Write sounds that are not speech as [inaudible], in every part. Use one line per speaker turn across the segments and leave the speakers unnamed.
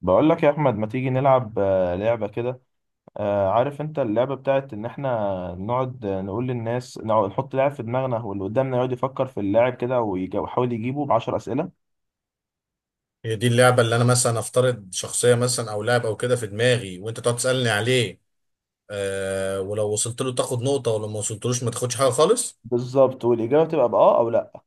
بقول لك يا احمد، ما تيجي نلعب لعبه كده. عارف انت اللعبه بتاعت ان احنا نقعد، نقول للناس نقعد نحط لاعب في دماغنا واللي قدامنا يقعد يفكر في اللاعب كده، ويحاول يجيبه ب 10 اسئله.
هي دي اللعبة اللي أنا مثلا أفترض شخصية مثلا أو لاعب أو كده في دماغي، وأنت تقعد تسألني عليه. آه، ولو وصلت له تاخد نقطة، ولو ما وصلتلوش ما تاخدش حاجة خالص.
بالظبط، والاجابه تبقى باه او لا.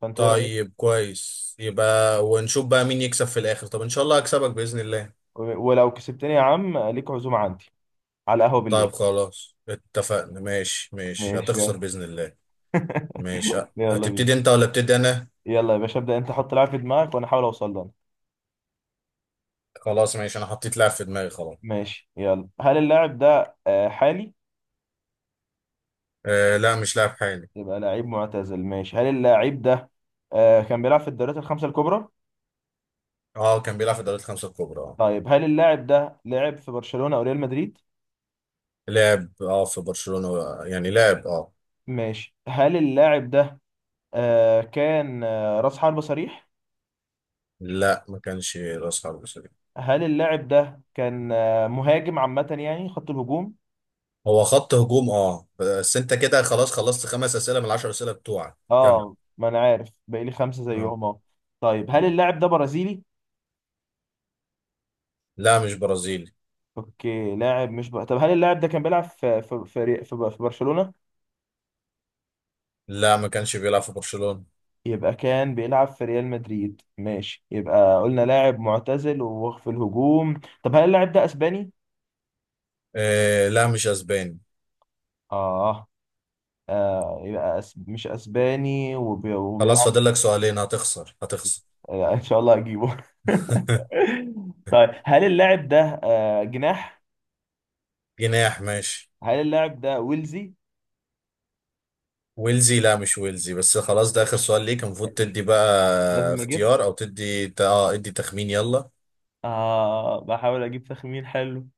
فانت ايه رايك؟
طيب كويس، يبقى ونشوف بقى مين يكسب في الآخر. طب إن شاء الله هكسبك بإذن الله.
ولو كسبتني يا عم، ليك عزومه عندي على القهوه
طيب
بالليل.
خلاص اتفقنا، ماشي ماشي،
ماشي،
هتخسر
يلا.
بإذن الله. ماشي.
يلا بينا.
هتبتدي أنت ولا ابتدي أنا؟
يلا يا باشا، ابدا انت، حط لاعب في دماغك وانا احاول اوصل له.
خلاص ماشي، أنا حطيت لاعب في دماغي خلاص.
ماشي يلا. هل اللاعب ده حالي؟
آه، لا مش لاعب حالي.
يبقى لعيب معتزل. ماشي. هل اللاعب ده كان بيلعب في الدوريات الخمسه الكبرى؟
أه كان بيلعب في الدوري الخمسة الكبرى، أه.
طيب هل اللاعب ده لعب في برشلونة او ريال مدريد؟
لعب أه في برشلونة، يعني لعب، أه.
ماشي. هل اللاعب ده كان راس حربة صريح؟
لا ما كانش راس حرب سوري.
هل اللاعب ده كان مهاجم عامة، يعني خط الهجوم؟
هو خط هجوم، اه، بس انت كده خلاص خلصت خمس اسئله من العشر اسئله بتوعك كم.
اه، ما انا عارف باقي لي خمسة
اه.
زيهم. اه. طيب، هل
مم.
اللاعب ده برازيلي؟
لا مش برازيلي.
اوكي. لاعب مش ب... طب هل اللاعب ده كان بيلعب في برشلونة؟
لا ما كانش بيلعب في برشلونه.
يبقى كان بيلعب في ريال مدريد. ماشي. يبقى قلنا لاعب معتزل وفي الهجوم. طب هل اللاعب ده اسباني؟
آه، لا مش اسباني.
اه. مش اسباني
خلاص
وبيلعب.
فاضل لك سؤالين، هتخسر هتخسر.
ان شاء الله اجيبه. [laughs]
[laughs]
طيب، هل اللاعب ده جناح؟
جناح، ماشي.
هل اللاعب ده ويلزي؟
ويلزي؟ لا مش ويلزي، بس خلاص ده اخر سؤال ليك، المفروض تدي بقى
لازم اجس.
اختيار او تدي ادي تخمين، يلا.
بحاول اجيب تخمين حلو.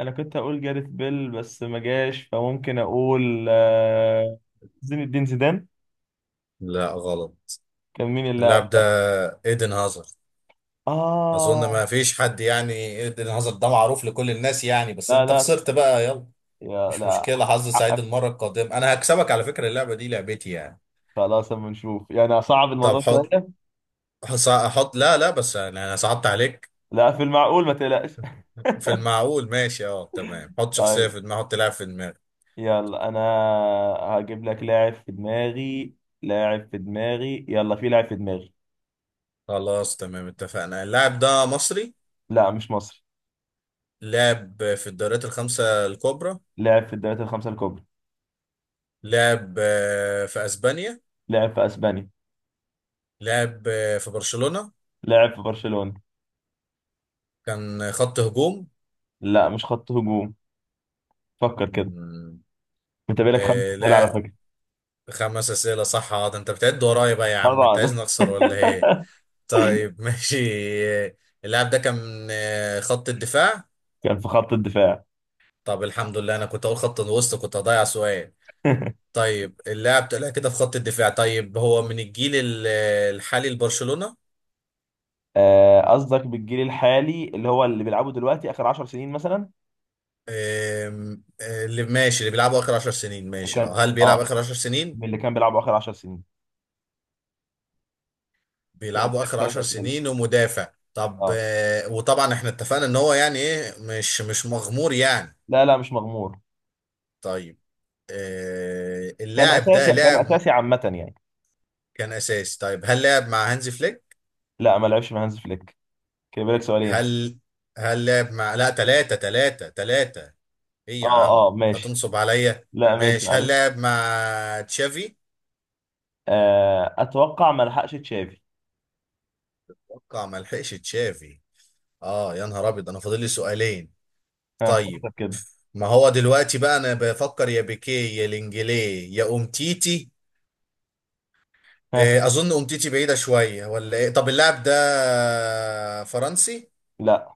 انا كنت اقول جاريث بيل بس ما جاش، فممكن اقول زين الدين زيدان.
لا غلط.
كان مين
اللاعب
اللاعب
ده
ده؟
ايدن هازارد. اظن
اه.
ما فيش حد يعني ايدن هازارد ده معروف لكل الناس يعني، بس
لا
انت
لا،
خسرت بقى، يلا.
يا
مش
لا
مشكله، حظ سعيد
حقك.
المره القادمه، انا هكسبك، على فكره اللعبه دي لعبتي يعني.
خلاص، اما نشوف. يعني صعب
طب
الموضوع
حط
شويه.
حص- حط لا لا، بس أنا صعبت عليك.
لا، في المعقول، ما تقلقش.
في المعقول، ماشي، اه تمام، حط
[laughs]
شخصيه
طيب.
في دماغي، حط لاعب في دماغي.
يلا، انا هجيب لك لاعب في دماغي. لاعب في دماغي. يلا، في لاعب في دماغي.
خلاص تمام اتفقنا. اللاعب ده مصري؟
لا مش مصري.
لعب في الدوريات الخمسه الكبرى.
لاعب في الدوريات الخمسة الكبرى.
لعب في اسبانيا.
لاعب في اسبانيا.
لعب في برشلونه.
لاعب في برشلونة.
كان خط هجوم.
لا مش خط هجوم. فكر كده.
مم.
انت بالك خمس اسئله على فكرة.
خمس أسئلة صح، اه، ده انت بتعد ورايا بقى يا عم، انت
طبعا.
عايزني
[laughs]
اخسر ولا ايه؟ طيب [laughs] ماشي. اللاعب ده كان من خط الدفاع.
كان في خط الدفاع.
طب الحمد لله، انا كنت اقول خط الوسط، كنت هضيع سؤال.
[laughs]
طيب اللاعب طلع كده في خط الدفاع، طيب هو من الجيل الحالي لبرشلونة.
قصدك بالجيل الحالي اللي هو اللي بيلعبه دلوقتي اخر 10 سنين مثلا؟
آم، آه، اللي ماشي، اللي بيلعبوا اخر 10 سنين، ماشي، اه
كان،
هل بيلعب
اه.
اخر 10
من
سنين؟
اللي كان بيلعبه اخر 10 سنين. كده
بيلعبوا
بالك
اخر
ثلاث
10
اسئله.
سنين ومدافع، طب
اه.
وطبعا احنا اتفقنا ان هو يعني ايه، مش مغمور يعني.
لا لا، مش مغمور.
طيب
كان
اللاعب ده
اساسي، كان
لاعب.
اساسي عامة يعني.
كان اساسي. طيب هل لعب مع هانزي فليك؟
لا ما لعبش مع هانز فليك. كده بالك سؤالين.
هل هل لعب مع، لا تلاتة تلاتة تلاتة، ايه يا
اه
عم
اه، ماشي.
هتنصب عليا؟
لا ماشي،
ماشي، هل
معلش.
لعب مع تشافي؟
اتوقع ما لحقش تشافي.
اتوقع ما لحقش تشافي. اه يا نهار ابيض، انا فاضل لي سؤالين.
ها، فكر
طيب،
كده.
ما هو دلوقتي بقى انا بفكر، يا بيكيه يا لينجلي يا امتيتي.
ها.
اظن امتيتي بعيدة شوية ولا ايه؟ طب اللاعب ده فرنسي؟
لا.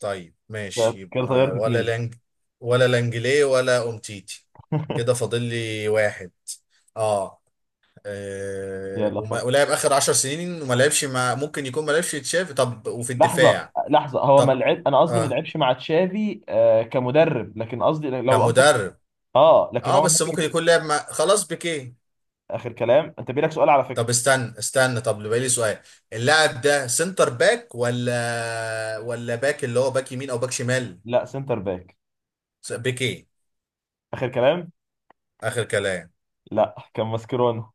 طيب ماشي،
كده
يبقى
طيرت اتنين.
ولا لانجلي ولا امتيتي. كده
[laughs]
فاضل لي واحد. اه،
يلا فكر.
ولعب اخر عشر سنين، وما لعبش مع، ممكن يكون ما لعبش تشافي. طب وفي
لحظة
الدفاع.
لحظة، هو ما
طب
لعب، أنا قصدي ما
آه.
لعبش مع تشافي كمدرب، لكن قصدي لو قصدك.
كمدرب؟
لكن
اه
هو
بس
ممكن
ممكن
يكون.
يكون لعب مع، خلاص بيكيه.
آخر كلام، أنت بيلك سؤال على فكرة.
طب استنى، طب بقى لي سؤال. اللاعب ده سنتر باك ولا باك، اللي هو باك يمين او باك شمال؟
لا، سنتر باك.
بيكيه.
آخر كلام.
اخر كلام.
لا، كان ماسكيرونو.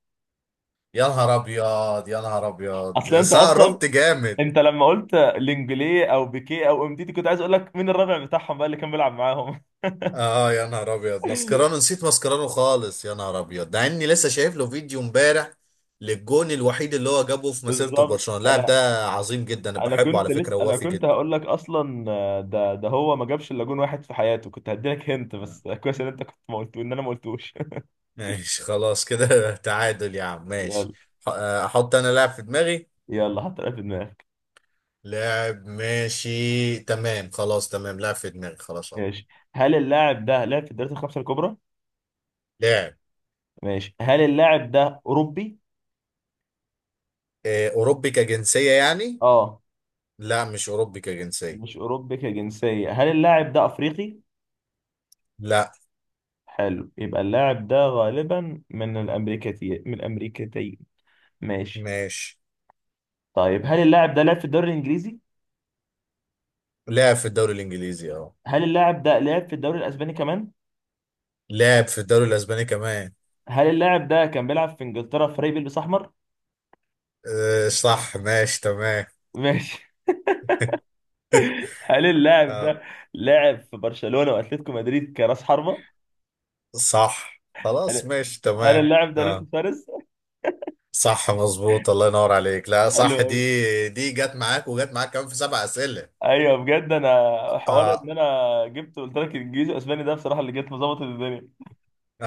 يا نهار ابيض يا نهار ابيض،
أصل
يا
أنت
سنة
أصلا،
قربت جامد.
انت لما قلت لينجلي او بيكيه او ام دي دي، كنت عايز اقول لك مين الرابع بتاعهم بقى اللي كان بيلعب معاهم.
اه يا نهار ابيض، ماسكرانو، نسيت ماسكرانو خالص، يا نهار ابيض، ده اني لسه شايف له فيديو امبارح للجون الوحيد اللي هو جابه في
[laughs]
مسيرته في
بالظبط.
برشلونة. اللاعب
انا
ده عظيم جدا، انا
انا
بحبه
كنت
على
لسه،
فكرة،
انا
ووافي
كنت
جدا.
هقول لك اصلا، ده هو ما جابش الا جون واحد في حياته، كنت هديلك هنت
آه.
بس. [laughs] كويس ان انت كنت ما قلت ان انا ما قلتوش.
ماشي خلاص كده [laughs] تعادل يا عم،
[laughs]
ماشي.
يلا.
احط انا لاعب في دماغي.
يلا حط لعيب في دماغك.
لاعب، ماشي تمام، خلاص تمام، لاعب في دماغي خلاص اهو.
ماشي. هل اللاعب ده لعب في الدوريات الخمسه الكبرى؟
لاعب
ماشي. هل اللاعب ده اوروبي؟
اوروبي كجنسية يعني؟
اه.
لا مش اوروبي كجنسية.
مش اوروبي كجنسيه. هل اللاعب ده افريقي؟
لا.
حلو. يبقى اللاعب ده غالبا من الامريكتي، من الامريكتين. ماشي.
ماشي.
طيب، هل اللاعب ده لعب في الدوري الانجليزي؟
لعب في الدوري الانجليزي، اه.
هل اللاعب ده لعب في الدوري الاسباني كمان؟
لعب في الدوري الاسباني كمان.
هل اللاعب ده كان بيلعب في انجلترا، في فريق بيلبس احمر؟
أه صح، ماشي تمام.
ماشي. [laughs] هل
[laughs]
اللاعب
أه
ده لعب في برشلونة واتلتيكو مدريد كراس حربة؟
صح خلاص،
هل
ماشي
هل
تمام.
اللاعب ده لويس
أه
سواريز؟
صح مظبوط، الله ينور عليك، لا
حلو
صح، دي
أوي.
دي جت معاك، وجت معاك كمان في سبع اسئله.
ايوه بجد. انا حوار ان
اه
انا جبت قلت لك انجليزي واسباني ده بصراحة اللي جت مظبط الدنيا.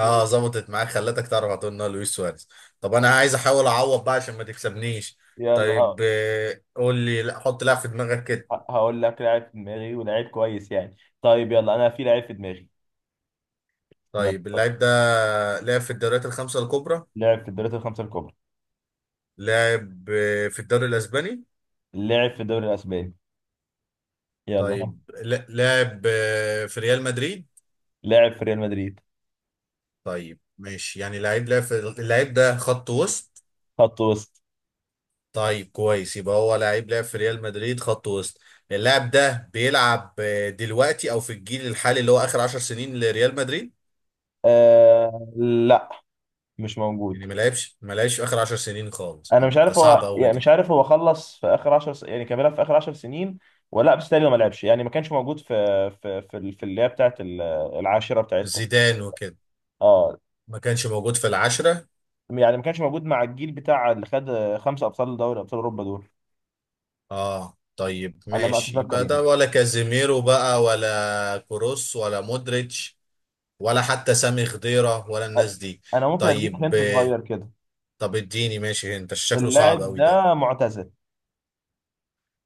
ماشي.
ظبطت معاك، خلتك تعرف على طول انه لويس سواريز. طب انا عايز احاول اعوض بقى عشان ما تكسبنيش.
يلا،
طيب
ها.
قول لي، لا حط لاعب في دماغك كده.
هقول لك لاعب في دماغي ولاعيب كويس يعني. طيب، يلا، انا في لاعب في دماغي. يلا
طيب
اتفضل.
اللاعب ده لعب في الدوريات الخمسه الكبرى.
لعب في الدوريات الخمسة الكبرى.
لاعب في الدوري الاسباني.
لعب في الدوري الاسباني. يلا، ها.
طيب لاعب في ريال مدريد.
لعب في ريال مدريد.
طيب ماشي، يعني لعيب لعب في، اللاعب ده خط وسط.
خط وسط.
طيب كويس، يبقى هو لعيب لعب في ريال مدريد خط وسط. اللاعب ده بيلعب دلوقتي، او في الجيل الحالي اللي هو اخر عشر سنين لريال مدريد.
لا، مش موجود.
يعني ما لعبش في اخر عشر سنين خالص.
انا مش
ده
عارف،
صعب
هو
قوي
يعني مش
دي.
عارف، هو خلص في اخر 10 يعني كان بيلعب في اخر 10 سنين ولا لا؟ بس تقريبا ما لعبش يعني، ما كانش موجود في اللي هي بتاعت العاشره بتاعتكم.
زيدان وكده.
اه.
ما كانش موجود في العشرة.
يعني ما كانش موجود مع الجيل بتاع اللي خد خمسه ابطال دوري ابطال اوروبا دول،
اه طيب
على ما
ماشي،
اتذكر
يبقى
يعني.
ده ولا كازيميرو بقى، ولا كروس ولا مودريتش. ولا حتى سامي خضيرة ولا الناس دي.
انا ممكن اديك
طيب
هنت صغير كده.
طب اديني، ماشي، انت شكله صعب
اللاعب
قوي ده.
ده معتزل.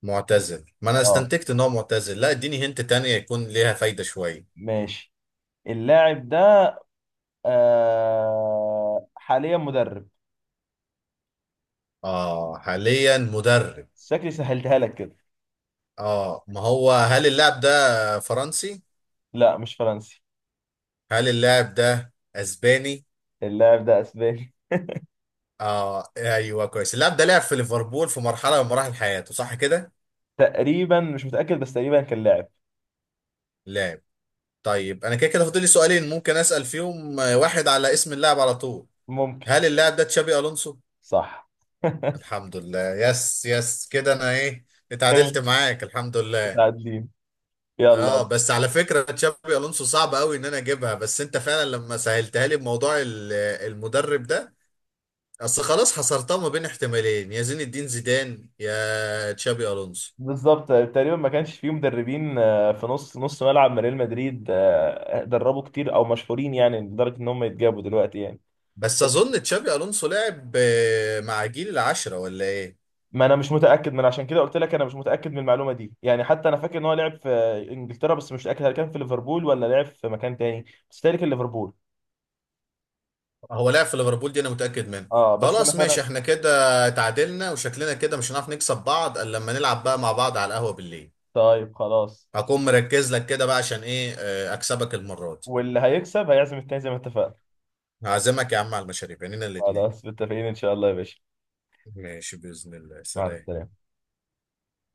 معتزل، ما انا
اه،
استنتجت ان هو معتزل. لا اديني هنت تانية يكون ليها فايدة شوية.
ماشي. اللاعب ده حاليا مدرب.
اه حاليا مدرب.
شكلي سهلتها لك كده.
اه ما هو، هل اللاعب ده فرنسي؟
لا مش فرنسي.
هل اللاعب ده اسباني؟
اللاعب ده اسباني.
اه ايوه كويس. اللاعب ده لعب في ليفربول في مرحلة من مراحل حياته، صح كده؟
تقريبا مش متأكد، بس تقريبا كان لاعب.
لا. طيب انا كده كده فاضل لي سؤالين، ممكن اسال فيهم واحد على اسم اللاعب على طول.
ممكن.
هل اللاعب ده تشابي الونسو؟
صح. [laughs]
الحمد لله، يس يس، كده انا ايه،
كده
اتعادلت معاك الحمد لله.
متعادلين.
اه،
يلا.
بس على فكره تشابي الونسو صعب قوي ان انا اجيبها، بس انت فعلا لما سهلتها لي بموضوع المدرب ده، اصل خلاص حصرتها ما بين احتمالين، يا زين الدين زيدان يا تشابي الونسو.
بالظبط. تقريبا ما كانش فيه مدربين في نص نص ملعب من ريال مدريد دربوا كتير او مشهورين يعني لدرجة ان هم يتجابوا دلوقتي يعني.
بس اظن تشابي الونسو لعب مع جيل العشرة، ولا ايه؟
ما انا مش متاكد، من عشان كده قلت لك انا مش متاكد من المعلومه دي يعني. حتى انا فاكر ان هو لعب في انجلترا، بس مش متاكد هل كان في ليفربول ولا لعب في مكان تاني. بس تاني كان ليفربول.
هو لعب في ليفربول، دي انا متاكد منها.
اه بس انا
خلاص
فعلا.
ماشي، احنا كده اتعادلنا، وشكلنا كده مش هنعرف نكسب بعض الا لما نلعب بقى مع بعض على القهوه بالليل.
طيب خلاص.
هكون مركز لك كده بقى، عشان ايه اكسبك المره دي.
واللي هيكسب هيعزم التاني زي ما اتفقنا.
هعزمك يا عم على المشاريب، يعني الاثنين.
خلاص متفقين ان شاء الله يا باشا.
ماشي باذن الله،
مع
سلام.
السلامه.